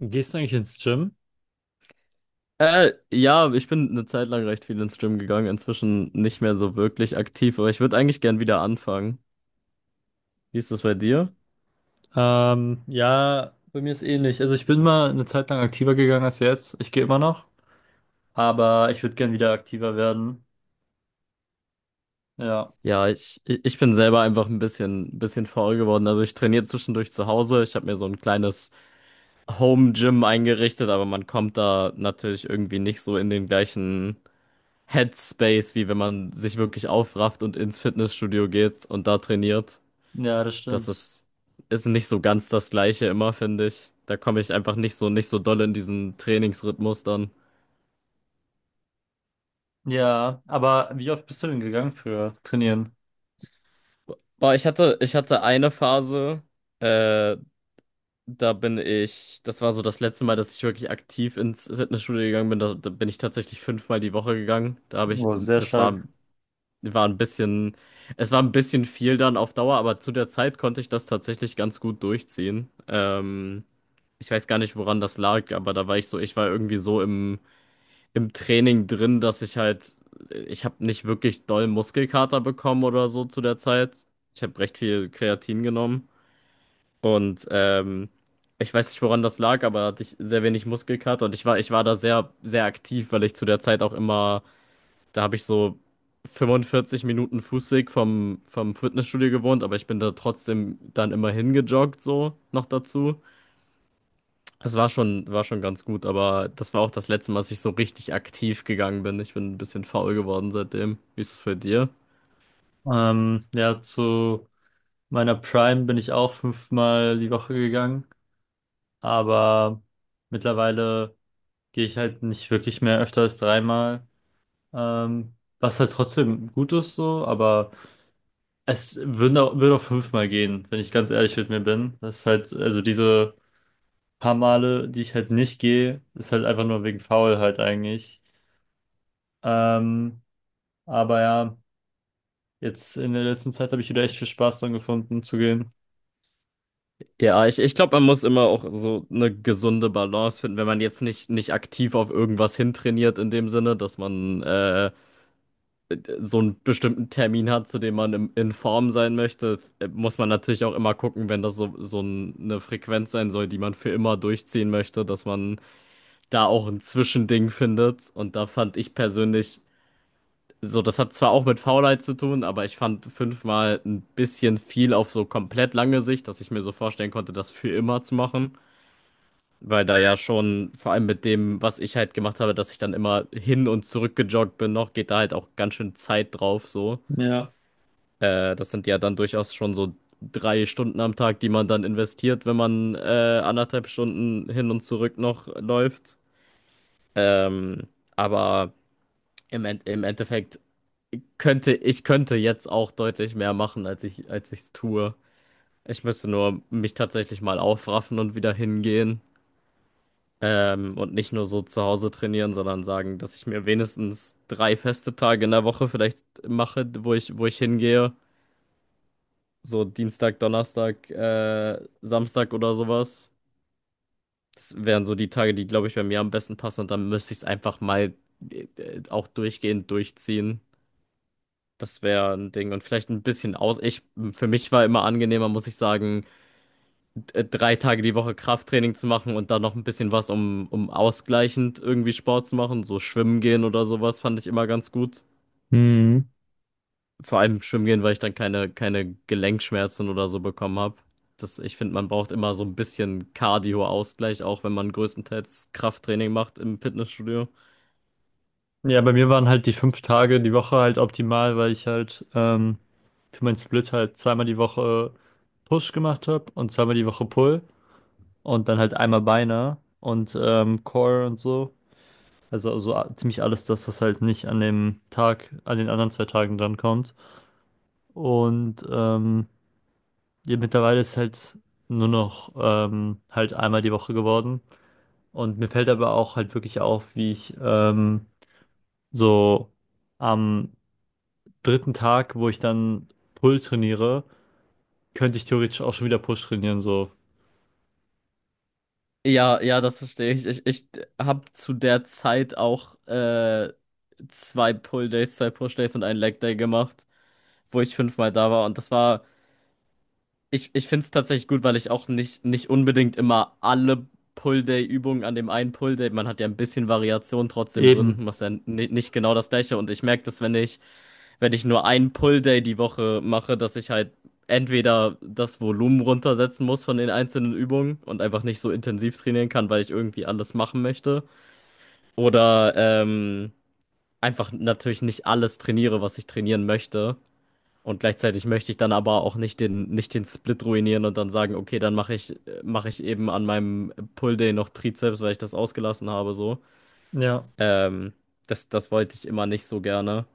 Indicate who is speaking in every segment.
Speaker 1: Gehst du eigentlich ins Gym?
Speaker 2: Ja, ich bin eine Zeit lang recht viel ins Gym gegangen, inzwischen nicht mehr so wirklich aktiv, aber ich würde eigentlich gern wieder anfangen. Wie ist das bei dir?
Speaker 1: Ja, bei mir ist ähnlich. Also ich bin mal eine Zeit lang aktiver gegangen als jetzt. Ich gehe immer noch, aber ich würde gern wieder aktiver werden. Ja,
Speaker 2: Ja, ich bin selber einfach ein bisschen faul geworden. Also ich trainiere zwischendurch zu Hause. Ich habe mir so ein kleines Home-Gym eingerichtet, aber man kommt da natürlich irgendwie nicht so in den gleichen Headspace, wie wenn man sich wirklich aufrafft und ins Fitnessstudio geht und da trainiert.
Speaker 1: ja, das
Speaker 2: Das
Speaker 1: stimmt.
Speaker 2: ist, ist nicht so ganz das Gleiche immer, finde ich. Da komme ich einfach nicht so, nicht so doll in diesen Trainingsrhythmus dann.
Speaker 1: Ja, aber wie oft bist du denn gegangen für Trainieren?
Speaker 2: Boah, ich hatte eine Phase, äh, das war so das letzte Mal, dass ich wirklich aktiv ins Fitnessstudio gegangen bin. Da bin ich tatsächlich fünfmal die Woche gegangen.
Speaker 1: Oh, sehr
Speaker 2: Das war,
Speaker 1: stark.
Speaker 2: war ein bisschen, es war ein bisschen viel dann auf Dauer, aber zu der Zeit konnte ich das tatsächlich ganz gut durchziehen. Ich weiß gar nicht, woran das lag, aber da war ich so, ich war irgendwie so im Training drin, dass ich halt, ich habe nicht wirklich doll Muskelkater bekommen oder so zu der Zeit. Ich habe recht viel Kreatin genommen und ich weiß nicht, woran das lag, aber da hatte ich sehr wenig Muskelkater und ich war da sehr, sehr aktiv, weil ich zu der Zeit auch immer, da habe ich so 45 Minuten Fußweg vom Fitnessstudio gewohnt, aber ich bin da trotzdem dann immer hingejoggt, so noch dazu. War schon ganz gut, aber das war auch das letzte Mal, dass ich so richtig aktiv gegangen bin. Ich bin ein bisschen faul geworden seitdem. Wie ist es bei dir?
Speaker 1: Ja, zu meiner Prime bin ich auch 5-mal die Woche gegangen, aber mittlerweile gehe ich halt nicht wirklich mehr öfter als 3-mal. Was halt trotzdem gut ist so, aber es würde auch 5-mal gehen, wenn ich ganz ehrlich mit mir bin. Das ist halt, also diese paar Male, die ich halt nicht gehe, ist halt einfach nur wegen Faulheit eigentlich. Ähm, aber ja, jetzt in der letzten Zeit habe ich wieder echt viel Spaß dran gefunden zu gehen.
Speaker 2: Ja, ich glaube, man muss immer auch so eine gesunde Balance finden, wenn man jetzt nicht, nicht aktiv auf irgendwas hintrainiert, in dem Sinne, dass man so einen bestimmten Termin hat, zu dem man in Form sein möchte, muss man natürlich auch immer gucken, wenn das so, so ein- eine Frequenz sein soll, die man für immer durchziehen möchte, dass man da auch ein Zwischending findet. Und da fand ich persönlich so, das hat zwar auch mit Faulheit zu tun, aber ich fand fünfmal ein bisschen viel auf so komplett lange Sicht, dass ich mir so vorstellen konnte, das für immer zu machen. Weil da ja schon, vor allem mit dem, was ich halt gemacht habe, dass ich dann immer hin und zurück gejoggt bin, noch geht da halt auch ganz schön Zeit drauf, so.
Speaker 1: Ja.
Speaker 2: Das sind ja dann durchaus schon so 3 Stunden am Tag, die man dann investiert, wenn man anderthalb Stunden hin und zurück noch läuft. Ähm, aber im Endeffekt ich könnte jetzt auch deutlich mehr machen, als ich es tue. Ich müsste nur mich tatsächlich mal aufraffen und wieder hingehen. Und nicht nur so zu Hause trainieren, sondern sagen, dass ich mir wenigstens drei feste Tage in der Woche vielleicht mache, wo ich hingehe. So Dienstag, Donnerstag, Samstag oder sowas. Das wären so die Tage, die, glaube ich, bei mir am besten passen. Und dann müsste ich es einfach mal auch durchgehend durchziehen. Das wäre ein Ding. Und vielleicht ein bisschen aus. Ich, für mich war immer angenehmer, muss ich sagen, 3 Tage die Woche Krafttraining zu machen und dann noch ein bisschen was, um ausgleichend irgendwie Sport zu machen. So schwimmen gehen oder sowas fand ich immer ganz gut.
Speaker 1: Mhm.
Speaker 2: Vor allem schwimmen gehen, weil ich dann keine Gelenkschmerzen oder so bekommen habe. Das, ich finde, man braucht immer so ein bisschen Cardio-Ausgleich, auch wenn man größtenteils Krafttraining macht im Fitnessstudio.
Speaker 1: Ja, bei mir waren halt die 5 Tage die Woche halt optimal, weil ich halt für meinen Split halt 2-mal die Woche Push gemacht habe und 2-mal die Woche Pull und dann halt einmal Beine und Core und so. Also, ziemlich alles das, was halt nicht an dem Tag, an den anderen zwei Tagen drankommt. Und ja, mittlerweile ist halt nur noch halt einmal die Woche geworden. Und mir fällt aber auch halt wirklich auf, wie ich so am dritten Tag, wo ich dann Pull trainiere, könnte ich theoretisch auch schon wieder Push trainieren, so.
Speaker 2: Ja, ja, das verstehe ich. Ich habe zu der Zeit auch zwei Pull-Days, zwei Push-Days und einen Leg-Day gemacht, wo ich fünfmal da war. Und das war ich, ich finde es tatsächlich gut, weil ich auch nicht, nicht unbedingt immer alle Pull-Day-Übungen an dem einen Pull-Day, man hat ja ein bisschen Variation trotzdem drin,
Speaker 1: Eben.
Speaker 2: was ja ni- nicht genau das gleiche. Und ich merke dass wenn ich nur einen Pull-Day die Woche mache, dass ich halt entweder das Volumen runtersetzen muss von den einzelnen Übungen und einfach nicht so intensiv trainieren kann, weil ich irgendwie alles machen möchte. Oder ähm, einfach natürlich nicht alles trainiere, was ich trainieren möchte. Und gleichzeitig möchte ich dann aber auch nicht den, nicht den Split ruinieren und dann sagen, okay, dann mache ich eben an meinem Pull Day noch Trizeps, weil ich das ausgelassen habe, so.
Speaker 1: Ja.
Speaker 2: Ähm, das, das wollte ich immer nicht so gerne.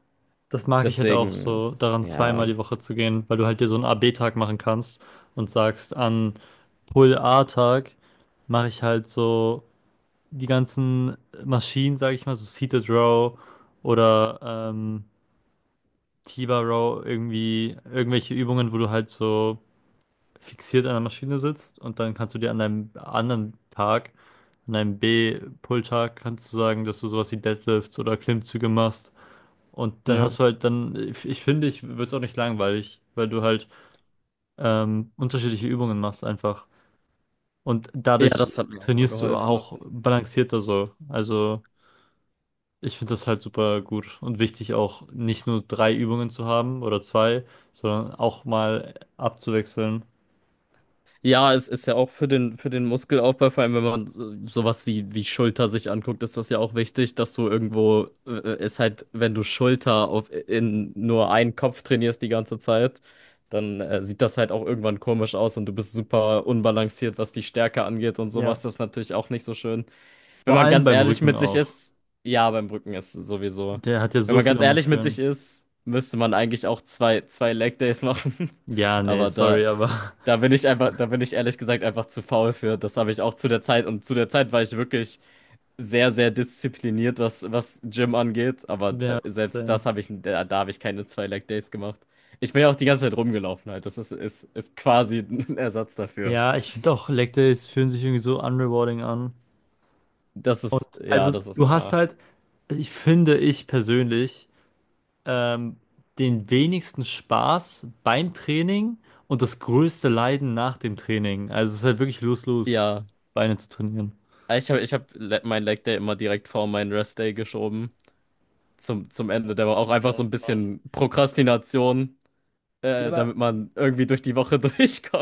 Speaker 1: Das mag ich halt auch
Speaker 2: Deswegen,
Speaker 1: so, daran 2-mal
Speaker 2: ja.
Speaker 1: die Woche zu gehen, weil du halt dir so einen a b tag machen kannst und sagst, an Pull-A-Tag mache ich halt so die ganzen Maschinen, sage ich mal, so Seated Row oder ähm, T-Bar Row, irgendwie irgendwelche Übungen, wo du halt so fixiert an der Maschine sitzt. Und dann kannst du dir an deinem anderen Tag, an deinem B-Pull-Tag, kannst du sagen, dass du sowas wie Deadlifts oder Klimmzüge machst. Und dann
Speaker 2: Ja,
Speaker 1: hast du halt dann, ich finde, ich würde es auch nicht langweilig, weil du halt unterschiedliche Übungen machst einfach. Und
Speaker 2: ja
Speaker 1: dadurch
Speaker 2: das hat mir auch immer
Speaker 1: trainierst du
Speaker 2: geholfen.
Speaker 1: auch balancierter so. Also ich finde das halt super gut und wichtig auch nicht nur drei Übungen zu haben oder zwei, sondern auch mal abzuwechseln.
Speaker 2: Ja, es ist ja auch für den Muskelaufbau, vor allem wenn man so- sowas wie, wie Schulter sich anguckt, ist das ja auch wichtig, dass du irgendwo, ist halt, wenn du Schulter auf, in nur einen Kopf trainierst die ganze Zeit, dann sieht das halt auch irgendwann komisch aus und du bist super unbalanciert, was die Stärke angeht und sowas.
Speaker 1: Ja.
Speaker 2: Das ist natürlich auch nicht so schön. Wenn
Speaker 1: Vor
Speaker 2: man
Speaker 1: allem
Speaker 2: ganz
Speaker 1: beim
Speaker 2: ehrlich
Speaker 1: Rücken
Speaker 2: mit sich
Speaker 1: auch.
Speaker 2: ist, ja, beim Brücken ist es sowieso.
Speaker 1: Der hat ja
Speaker 2: Wenn
Speaker 1: so
Speaker 2: man ganz
Speaker 1: viele
Speaker 2: ehrlich mit sich
Speaker 1: Muskeln.
Speaker 2: ist, müsste man eigentlich auch zwei, zwei Leg Days machen.
Speaker 1: Ja, nee,
Speaker 2: Aber da.
Speaker 1: sorry, aber
Speaker 2: Da bin ich einfach, da bin ich ehrlich gesagt einfach zu faul für. Das habe ich auch zu der Zeit. Und zu der Zeit war ich wirklich sehr, sehr diszipliniert, was Gym angeht. Aber
Speaker 1: ja,
Speaker 2: selbst
Speaker 1: same.
Speaker 2: das habe ich, da habe ich keine zwei Leg Days gemacht. Ich bin ja auch die ganze Zeit rumgelaufen halt. Das ist quasi ein Ersatz dafür.
Speaker 1: Ja, ich finde auch Leg Days fühlen sich irgendwie so unrewarding an.
Speaker 2: Das
Speaker 1: Und
Speaker 2: ist, ja,
Speaker 1: also
Speaker 2: das ist
Speaker 1: du hast
Speaker 2: wahr.
Speaker 1: halt, ich finde, ich persönlich, ähm, den wenigsten Spaß beim Training und das größte Leiden nach dem Training. Also es ist halt wirklich lose-lose,
Speaker 2: Ja.
Speaker 1: Beine zu trainieren.
Speaker 2: Ich hab le- mein Leg Day immer direkt vor meinen Rest Day geschoben. Zum Ende. Der war auch
Speaker 1: Ja,
Speaker 2: einfach so
Speaker 1: das
Speaker 2: ein
Speaker 1: ist hart.
Speaker 2: bisschen Prokrastination,
Speaker 1: Ja, aber
Speaker 2: damit man irgendwie durch die Woche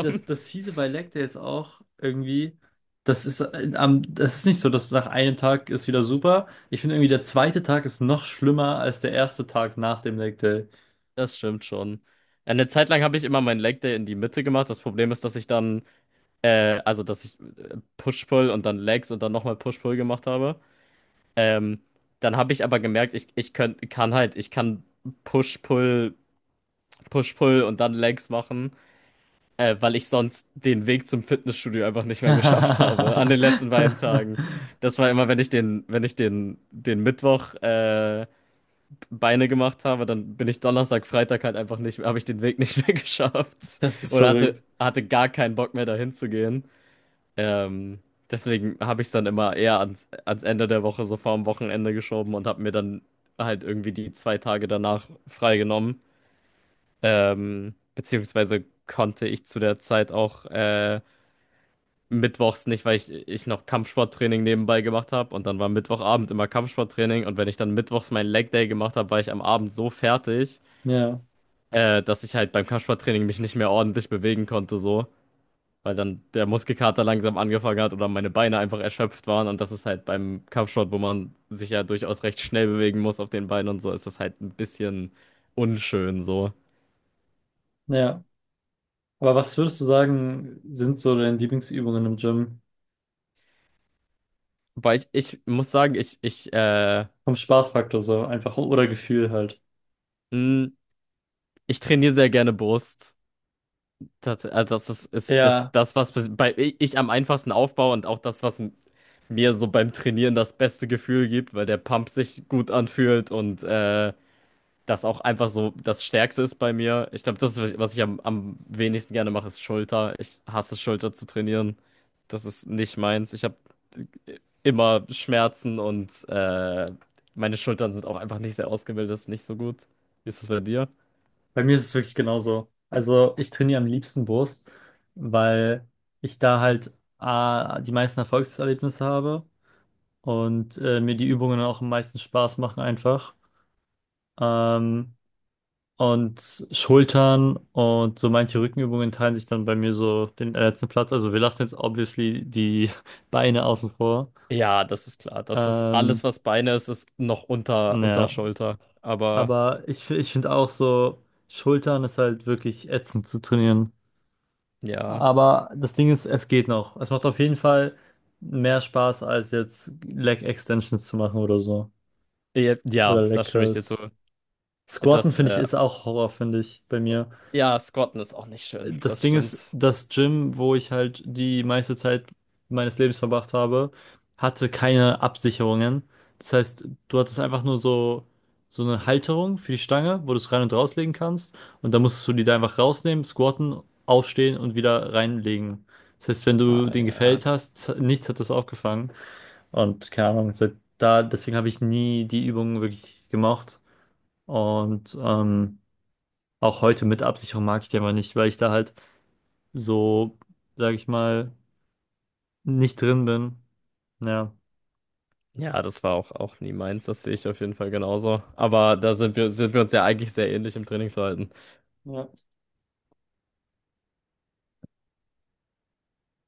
Speaker 1: das Fiese bei Leg Day ist auch irgendwie, das ist nicht so, dass nach einem Tag ist wieder super. Ich finde irgendwie, der zweite Tag ist noch schlimmer als der erste Tag nach dem Leg Day.
Speaker 2: Das stimmt schon. Eine Zeit lang habe ich immer meinen Leg Day in die Mitte gemacht. Das Problem ist, also dass ich Push-Pull und dann Legs und dann nochmal Push-Pull gemacht habe. Ähm, dann habe ich aber gemerkt, kann halt, ich kann Push-Pull, Push-Pull und dann Legs machen, weil ich sonst den Weg zum Fitnessstudio einfach nicht mehr geschafft habe an den letzten beiden Tagen. Das war immer, wenn ich den, den Mittwoch, Beine gemacht habe, dann bin ich Donnerstag, Freitag halt einfach nicht, habe ich den Weg nicht mehr geschafft
Speaker 1: Das ist
Speaker 2: oder
Speaker 1: verrückt.
Speaker 2: hatte gar keinen Bock mehr dahin zu gehen. Ähm, deswegen habe ich es dann immer eher ans Ende der Woche, so vorm Wochenende geschoben und habe mir dann halt irgendwie die 2 Tage danach freigenommen. Beziehungsweise konnte ich zu der Zeit auch mittwochs nicht, weil ich noch Kampfsporttraining nebenbei gemacht habe und dann war Mittwochabend immer Kampfsporttraining und wenn ich dann mittwochs meinen Leg Day gemacht habe, war ich am Abend so fertig.
Speaker 1: Ja,
Speaker 2: Dass ich halt beim Kampfsporttraining mich nicht mehr ordentlich bewegen konnte, so, weil dann der Muskelkater langsam angefangen hat oder meine Beine einfach erschöpft waren. Und das ist halt beim Kampfsport, wo man sich ja durchaus recht schnell bewegen muss auf den Beinen und so, ist das halt ein bisschen unschön, so.
Speaker 1: ja. Aber was würdest du sagen, sind so deine Lieblingsübungen im Gym?
Speaker 2: Ich muss sagen,
Speaker 1: Vom Spaßfaktor so, einfach oder Gefühl halt.
Speaker 2: mh, ich trainiere sehr gerne Brust. Das, also das ist, ist
Speaker 1: Ja,
Speaker 2: das, was bis- bei, ich am einfachsten aufbaue und auch das, was m- mir so beim Trainieren das beste Gefühl gibt, weil der Pump sich gut anfühlt und das auch einfach so das Stärkste ist bei mir. Ich glaube, das, ist, was ich am wenigsten gerne mache, ist Schulter. Ich hasse Schulter zu trainieren. Das ist nicht meins. Ich habe immer Schmerzen und meine Schultern sind auch einfach nicht sehr ausgebildet, ist nicht so gut. Wie ist es bei dir?
Speaker 1: bei mir ist es wirklich genauso. Also ich trainiere am liebsten Brust, weil ich da halt A, die meisten Erfolgserlebnisse habe und mir die Übungen auch am meisten Spaß machen einfach. Ähm, und Schultern und so manche Rückenübungen teilen sich dann bei mir so den letzten Platz. Also wir lassen jetzt obviously die Beine außen vor.
Speaker 2: Ja, das ist klar. Das ist alles,
Speaker 1: Ähm,
Speaker 2: was Beine ist, ist noch unter, unter
Speaker 1: ja,
Speaker 2: Schulter. Aber
Speaker 1: aber ich finde auch so, Schultern ist halt wirklich ätzend zu trainieren.
Speaker 2: ja,
Speaker 1: Aber das Ding ist, es geht noch. Es macht auf jeden Fall mehr Spaß, als jetzt Leg Extensions zu machen oder so.
Speaker 2: ja,
Speaker 1: Oder
Speaker 2: ja,
Speaker 1: Leg
Speaker 2: da stimme ich dir zu.
Speaker 1: Curls. Squatten
Speaker 2: Das,
Speaker 1: finde ich ist auch Horror, finde ich, bei mir.
Speaker 2: ja, Squatten ist auch nicht schön.
Speaker 1: Das
Speaker 2: Das
Speaker 1: Ding ist,
Speaker 2: stimmt.
Speaker 1: das Gym, wo ich halt die meiste Zeit meines Lebens verbracht habe, hatte keine Absicherungen. Das heißt, du hattest einfach nur so, so eine Halterung für die Stange, wo du es rein und rauslegen kannst. Und dann musstest du die da einfach rausnehmen, squatten, aufstehen und wieder reinlegen. Das heißt, wenn du
Speaker 2: Ah,
Speaker 1: den gefällt
Speaker 2: ja.
Speaker 1: hast, nichts hat das aufgefangen. Und keine Ahnung, seit da, deswegen habe ich nie die Übungen wirklich gemocht. Und auch heute mit Absicherung mag ich die einfach nicht, weil ich da halt so, sag ich mal, nicht drin bin. Ja.
Speaker 2: Ja, das war auch, auch nie meins, das sehe ich auf jeden Fall genauso. Aber sind wir uns ja eigentlich sehr ähnlich im Trainingsverhalten.
Speaker 1: Ja.